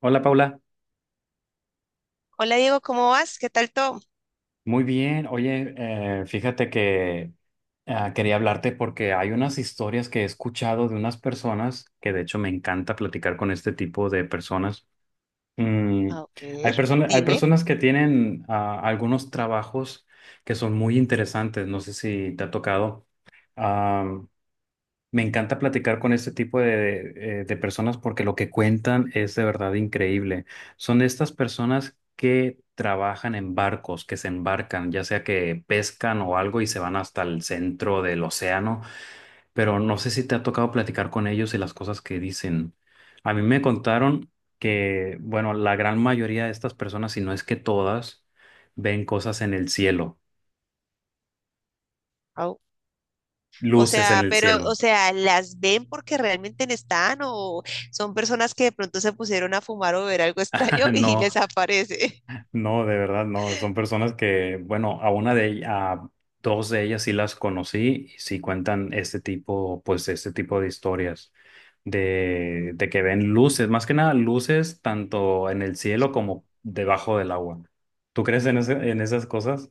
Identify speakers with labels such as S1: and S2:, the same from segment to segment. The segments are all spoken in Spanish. S1: Hola Paula,
S2: Hola Diego, ¿cómo vas? ¿Qué tal todo?
S1: muy bien. Oye, fíjate que quería hablarte porque hay unas historias que he escuchado de unas personas que de hecho me encanta platicar con este tipo de personas. Mm,
S2: A
S1: hay
S2: ver,
S1: personas, hay
S2: dime.
S1: personas que tienen algunos trabajos que son muy interesantes. No sé si te ha tocado. Me encanta platicar con este tipo de personas porque lo que cuentan es de verdad increíble. Son estas personas que trabajan en barcos, que se embarcan, ya sea que pescan o algo y se van hasta el centro del océano, pero no sé si te ha tocado platicar con ellos y las cosas que dicen. A mí me contaron que, bueno, la gran mayoría de estas personas, si no es que todas, ven cosas en el cielo,
S2: Au. O
S1: luces en
S2: sea,
S1: el
S2: pero, o
S1: cielo.
S2: sea, ¿las ven porque realmente no están o son personas que de pronto se pusieron a fumar o ver algo extraño y
S1: No.
S2: les aparece?
S1: No, de verdad, no. Son personas que, bueno, a una de ellas, a dos de ellas sí las conocí y sí cuentan este tipo, pues este tipo de historias de que ven luces, más que nada luces tanto en el cielo como debajo del agua. ¿Tú crees en esas cosas?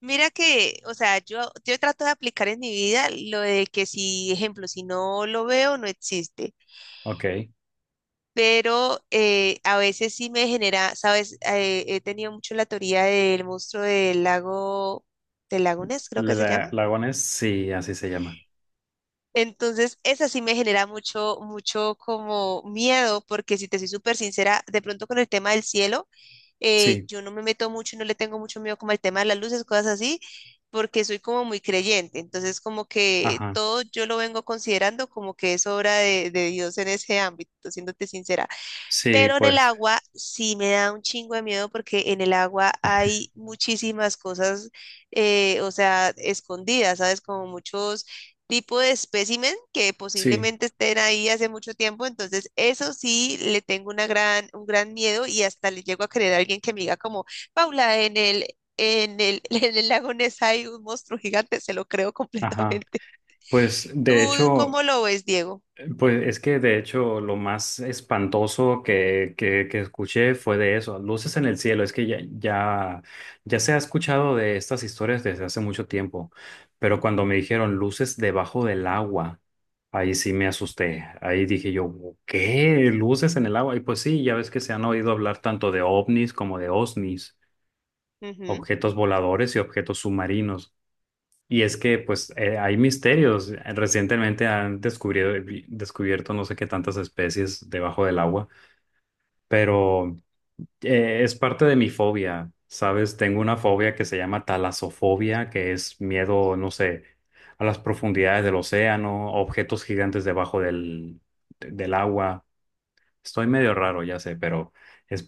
S2: Mira que, o sea, yo trato de aplicar en mi vida lo de que si, ejemplo, si no lo veo, no existe.
S1: Ok.
S2: Pero a veces sí me genera, ¿sabes? He tenido mucho la teoría del monstruo del lago Ness, creo que se llama.
S1: Lagones, sí, así se llama.
S2: Entonces, esa sí me genera mucho, mucho como miedo, porque si te soy súper sincera, de pronto con el tema del cielo,
S1: Sí,
S2: yo no me meto mucho y no le tengo mucho miedo como al tema de las luces, cosas así, porque soy como muy creyente. Entonces, como que
S1: ajá.
S2: todo yo lo vengo considerando como que es obra de Dios en ese ámbito, siéndote sincera.
S1: Sí,
S2: Pero en el
S1: pues,
S2: agua sí me da un chingo de miedo porque en el agua hay muchísimas cosas, o sea, escondidas, ¿sabes? Como muchos tipos de espécimen que
S1: sí,
S2: posiblemente estén ahí hace mucho tiempo. Entonces, eso sí le tengo una gran, un gran miedo y hasta le llego a querer a alguien que me diga como, Paula, en el, en el lago Ness hay un monstruo gigante, se lo creo
S1: ajá.
S2: completamente.
S1: Pues
S2: ¿Tú
S1: de hecho.
S2: cómo lo ves, Diego?
S1: Pues es que de hecho lo más espantoso que escuché fue de eso, luces en el cielo. Es que ya se ha escuchado de estas historias desde hace mucho tiempo, pero cuando me dijeron luces debajo del agua, ahí sí me asusté. Ahí dije yo, ¿qué? ¿Luces en el agua? Y pues sí, ya ves que se han oído hablar tanto de ovnis como de osnis, objetos voladores y objetos submarinos. Y es que pues hay misterios. Recientemente han descubierto no sé qué tantas especies debajo del agua, pero es parte de mi fobia, ¿sabes? Tengo una fobia que se llama talasofobia, que es miedo, no sé, a las profundidades del océano, a objetos gigantes debajo del agua. Estoy medio raro, ya sé, pero es,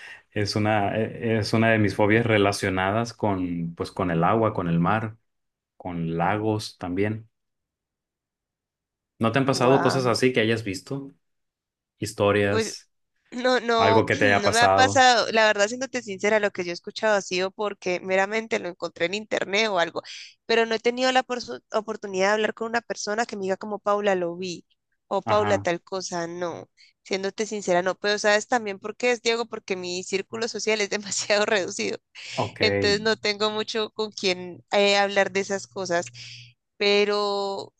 S1: es una de mis fobias relacionadas con, pues, con el agua, con el mar, con lagos también. ¿No te han pasado cosas
S2: Wow.
S1: así que hayas visto?
S2: Pues
S1: Historias,
S2: no, no,
S1: algo que te haya
S2: no me ha
S1: pasado.
S2: pasado. La verdad, siéndote sincera, lo que yo he escuchado ha sido porque meramente lo encontré en internet o algo, pero no he tenido la oportunidad de hablar con una persona que me diga como Paula lo vi o Paula
S1: Ajá.
S2: tal cosa, no. Siéndote sincera, no, pero sabes también por qué es Diego, porque mi círculo social es demasiado reducido,
S1: Ok.
S2: entonces no tengo mucho con quien hablar de esas cosas, pero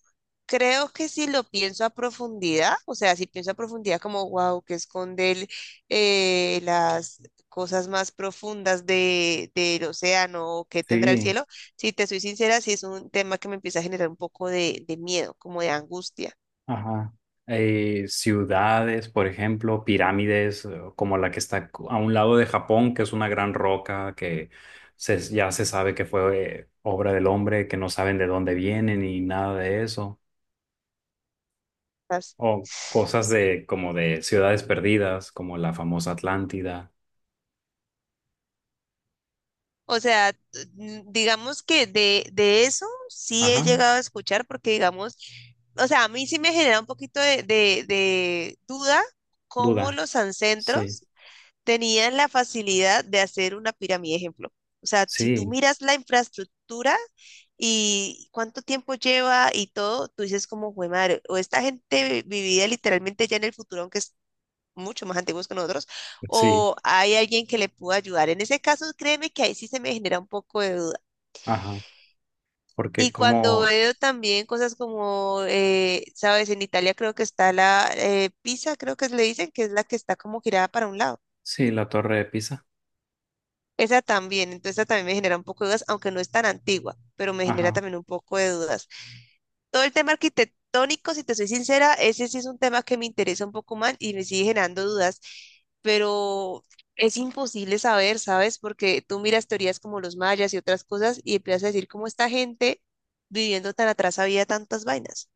S2: creo que si lo pienso a profundidad, o sea, si pienso a profundidad como, wow, que esconde el, las cosas más profundas de, del océano o qué tendrá el
S1: Sí.
S2: cielo, si te soy sincera, sí es un tema que me empieza a generar un poco de miedo, como de angustia.
S1: Ajá. Ciudades, por ejemplo, pirámides, como la que está a un lado de Japón, que es una gran roca que ya se sabe que fue obra del hombre, que no saben de dónde vienen y nada de eso.
S2: ¿Sabes?
S1: O cosas de como de ciudades perdidas, como la famosa Atlántida.
S2: O sea, digamos que de eso sí he
S1: Ajá.
S2: llegado a escuchar, porque digamos, o sea, a mí sí me genera un poquito de duda cómo
S1: Duda.
S2: los
S1: Sí.
S2: ancestros tenían la facilidad de hacer una pirámide, ejemplo. O sea, si tú
S1: Sí.
S2: miras la infraestructura y cuánto tiempo lleva y todo, tú dices como, güey, madre, o esta gente vivía literalmente ya en el futuro, aunque es mucho más antiguos que nosotros,
S1: Sí.
S2: o hay alguien que le pudo ayudar. En ese caso, créeme que ahí sí se me genera un poco de duda.
S1: Ajá. Porque
S2: Y cuando
S1: como,
S2: veo también cosas como, sabes, en Italia creo que está la Pisa, creo que le dicen, que es la que está como girada para un lado.
S1: sí, la Torre de Pisa.
S2: Esa también, entonces esa también me genera un poco de dudas, aunque no es tan antigua, pero me genera
S1: Ajá.
S2: también un poco de dudas. Todo el tema arquitectónico, si te soy sincera, ese sí es un tema que me interesa un poco más y me sigue generando dudas, pero es imposible saber, ¿sabes? Porque tú miras teorías como los mayas y otras cosas y empiezas a decir cómo esta gente viviendo tan atrás había tantas vainas.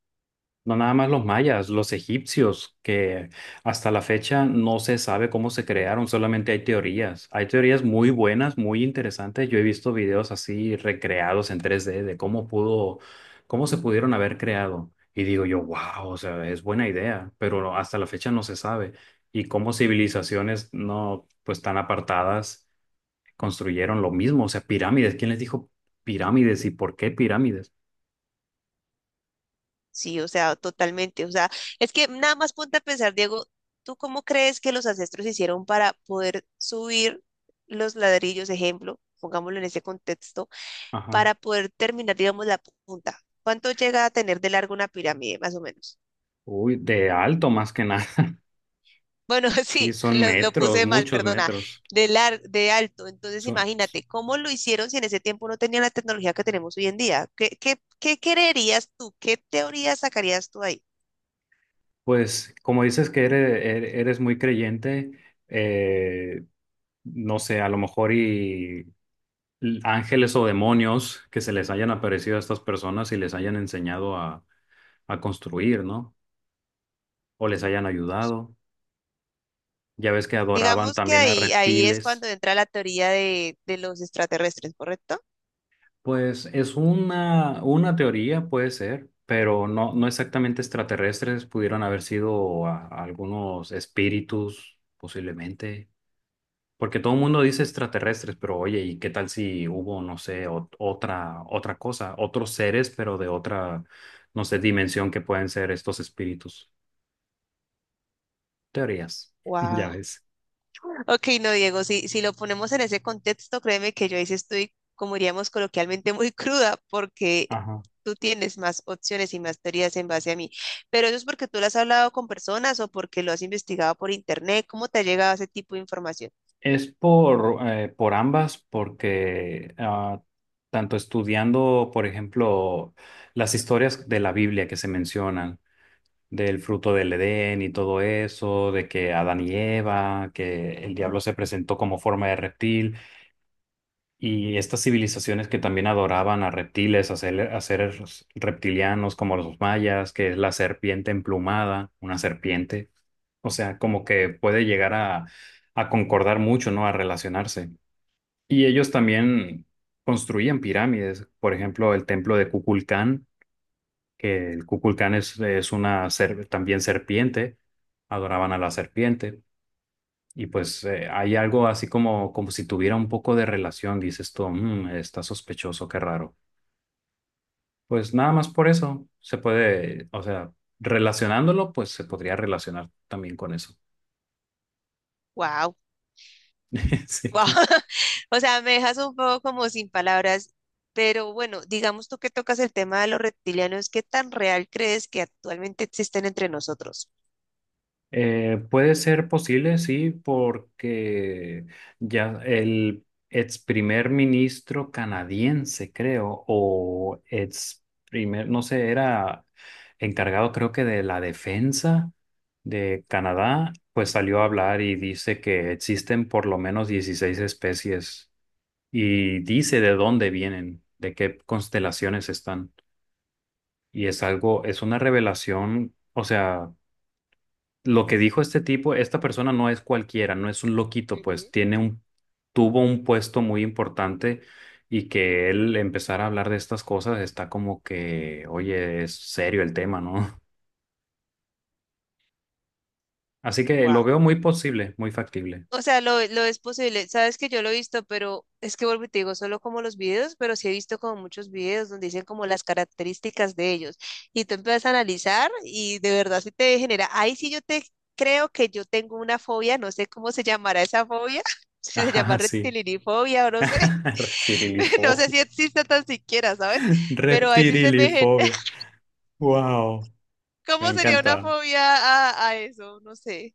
S1: No nada más los mayas, los egipcios, que hasta la fecha no se sabe cómo se crearon, solamente hay teorías. Hay teorías muy buenas, muy interesantes. Yo he visto videos así recreados en 3D de cómo se pudieron haber creado. Y digo yo, wow, o sea, es buena idea, pero hasta la fecha no se sabe. Y cómo civilizaciones no, pues tan apartadas construyeron lo mismo, o sea, pirámides. ¿Quién les dijo pirámides y por qué pirámides?
S2: Sí, o sea, totalmente. O sea, es que nada más ponte a pensar, Diego, ¿tú cómo crees que los ancestros hicieron para poder subir los ladrillos, ejemplo, pongámoslo en ese contexto,
S1: Ajá.
S2: para poder terminar, digamos, la punta? ¿Cuánto llega a tener de largo una pirámide, más o menos?
S1: Uy, de alto más que nada.
S2: Bueno,
S1: Sí,
S2: sí,
S1: son
S2: lo
S1: metros,
S2: puse mal,
S1: muchos
S2: perdona,
S1: metros.
S2: de de alto. Entonces,
S1: Son,
S2: imagínate, ¿cómo lo hicieron si en ese tiempo no tenían la tecnología que tenemos hoy en día? ¿ qué creerías tú? ¿Qué teoría sacarías tú ahí?
S1: pues, como dices que eres muy creyente, eh, no sé, a lo mejor y ángeles o demonios que se les hayan aparecido a estas personas y les hayan enseñado a construir, ¿no? O les hayan ayudado. Ya ves que adoraban
S2: Digamos que
S1: también a
S2: ahí es
S1: reptiles.
S2: cuando entra la teoría de los extraterrestres, ¿correcto?
S1: Pues es una teoría, puede ser, pero no exactamente extraterrestres, pudieron haber sido algunos espíritus, posiblemente, porque todo el mundo dice extraterrestres, pero oye, ¿y qué tal si hubo, no sé, otra cosa, otros seres, pero de otra, no sé, dimensión que pueden ser estos espíritus? Teorías, ya
S2: Wow.
S1: ves.
S2: Ok, no, Diego, si lo ponemos en ese contexto, créeme que yo ahí sí estoy, como diríamos coloquialmente, muy cruda, porque
S1: Ajá.
S2: tú tienes más opciones y más teorías en base a mí. Pero eso es porque tú lo has hablado con personas o porque lo has investigado por internet. ¿Cómo te ha llegado ese tipo de información?
S1: Es por ambas, porque tanto estudiando, por ejemplo, las historias de la Biblia que se mencionan, del fruto del Edén y todo eso, de que Adán y Eva, que el diablo se presentó como forma de reptil, y estas civilizaciones que también adoraban a reptiles, a, a seres reptilianos como los mayas, que es la serpiente emplumada, una serpiente. O sea, como que puede llegar a concordar mucho, ¿no? A relacionarse. Y ellos también construían pirámides, por ejemplo, el templo de Kukulcán, que el Kukulcán es una también serpiente, adoraban a la serpiente. Y pues hay algo así como si tuviera un poco de relación, dices tú, "Mm, está sospechoso, qué raro". Pues nada más por eso se puede, o sea, relacionándolo, pues se podría relacionar también con eso.
S2: Wow.
S1: Sí.
S2: Guau. O sea, me dejas un poco como sin palabras, pero bueno, digamos tú que tocas el tema de los reptilianos, ¿qué tan real crees que actualmente existen entre nosotros?
S1: Puede ser posible, sí, porque ya el ex primer ministro canadiense, creo, o ex primer, no sé, era encargado creo que de la defensa de Canadá, pues salió a hablar y dice que existen por lo menos 16 especies y dice de dónde vienen, de qué constelaciones están. Y es algo, es una revelación, o sea lo que dijo este tipo, esta persona no es cualquiera, no es un loquito, pues tiene un, tuvo un puesto muy importante y que él empezara a hablar de estas cosas está como que, oye, es serio el tema, ¿no? Así que lo
S2: Wow.
S1: veo muy posible, muy factible.
S2: O sea, lo es posible. Sabes que yo lo he visto, pero es que vuelvo y te digo, solo como los videos, pero sí he visto como muchos videos donde dicen como las características de ellos. Y tú empiezas a analizar y de verdad sí te genera. Ahí sí yo te creo que yo tengo una fobia, no sé cómo se llamará esa fobia, si se llama
S1: Ajá, sí.
S2: reptilinifobia o no sé. No sé
S1: Reptilifobia.
S2: si existe tan siquiera, ¿sabes? Pero ahí sí se me...
S1: Reptilifobia. Wow. Me
S2: ¿Cómo sería una
S1: encanta.
S2: fobia a eso? No sé.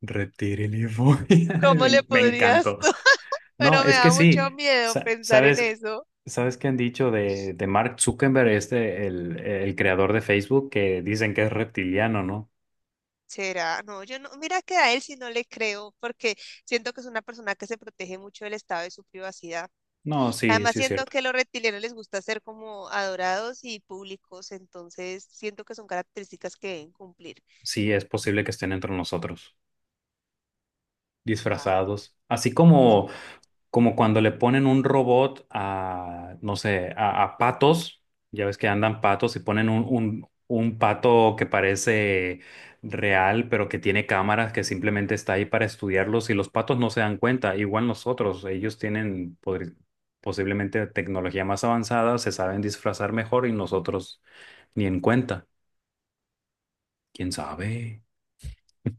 S1: Reptilifobia.
S2: ¿Cómo le
S1: Me
S2: podrías
S1: encantó.
S2: tú?
S1: No,
S2: Pero me
S1: es que
S2: da mucho
S1: sí,
S2: miedo
S1: sa-
S2: pensar en
S1: sabes,
S2: eso.
S1: sabes que han dicho de Mark Zuckerberg, este, el creador de Facebook, que dicen que es reptiliano, ¿no?
S2: ¿Será? No, yo no. Mira que a él sí no le creo, porque siento que es una persona que se protege mucho del estado de su privacidad.
S1: No, sí,
S2: Además,
S1: sí es
S2: siento
S1: cierto.
S2: que a los reptilianos les gusta ser como adorados y públicos, entonces siento que son características que deben cumplir.
S1: Sí, es posible que estén entre nosotros,
S2: Wow.
S1: disfrazados. Así como cuando le ponen un robot a, no sé, a patos, ya ves que andan patos y ponen un pato que parece real, pero que tiene cámaras, que simplemente está ahí para estudiarlos y los patos no se dan cuenta, igual nosotros, ellos tienen posiblemente tecnología más avanzada, se saben disfrazar mejor y nosotros ni en cuenta, quién sabe.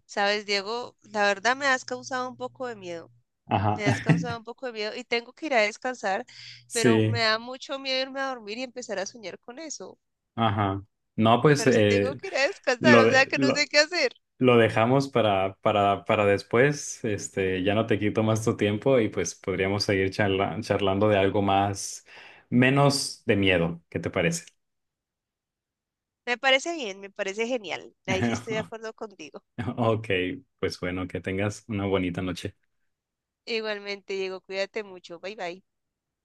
S2: ¿Sabes, Diego? La verdad me has causado un poco de miedo.
S1: Ajá,
S2: Me has causado un poco de miedo y tengo que ir a descansar, pero me
S1: sí,
S2: da mucho miedo irme a dormir y empezar a soñar con eso.
S1: ajá. No, pues
S2: Pero sí tengo que ir a descansar,
S1: lo
S2: o sea
S1: de,
S2: que no sé
S1: lo-
S2: qué hacer.
S1: lo dejamos para, después. Este, ya no te quito más tu tiempo y pues podríamos seguir charlando de algo más, menos de miedo. ¿Qué te parece?
S2: Me parece bien, me parece genial. Ahí sí estoy de acuerdo contigo.
S1: Ok, pues bueno, que tengas una bonita noche.
S2: Igualmente, Diego, cuídate mucho. Bye bye.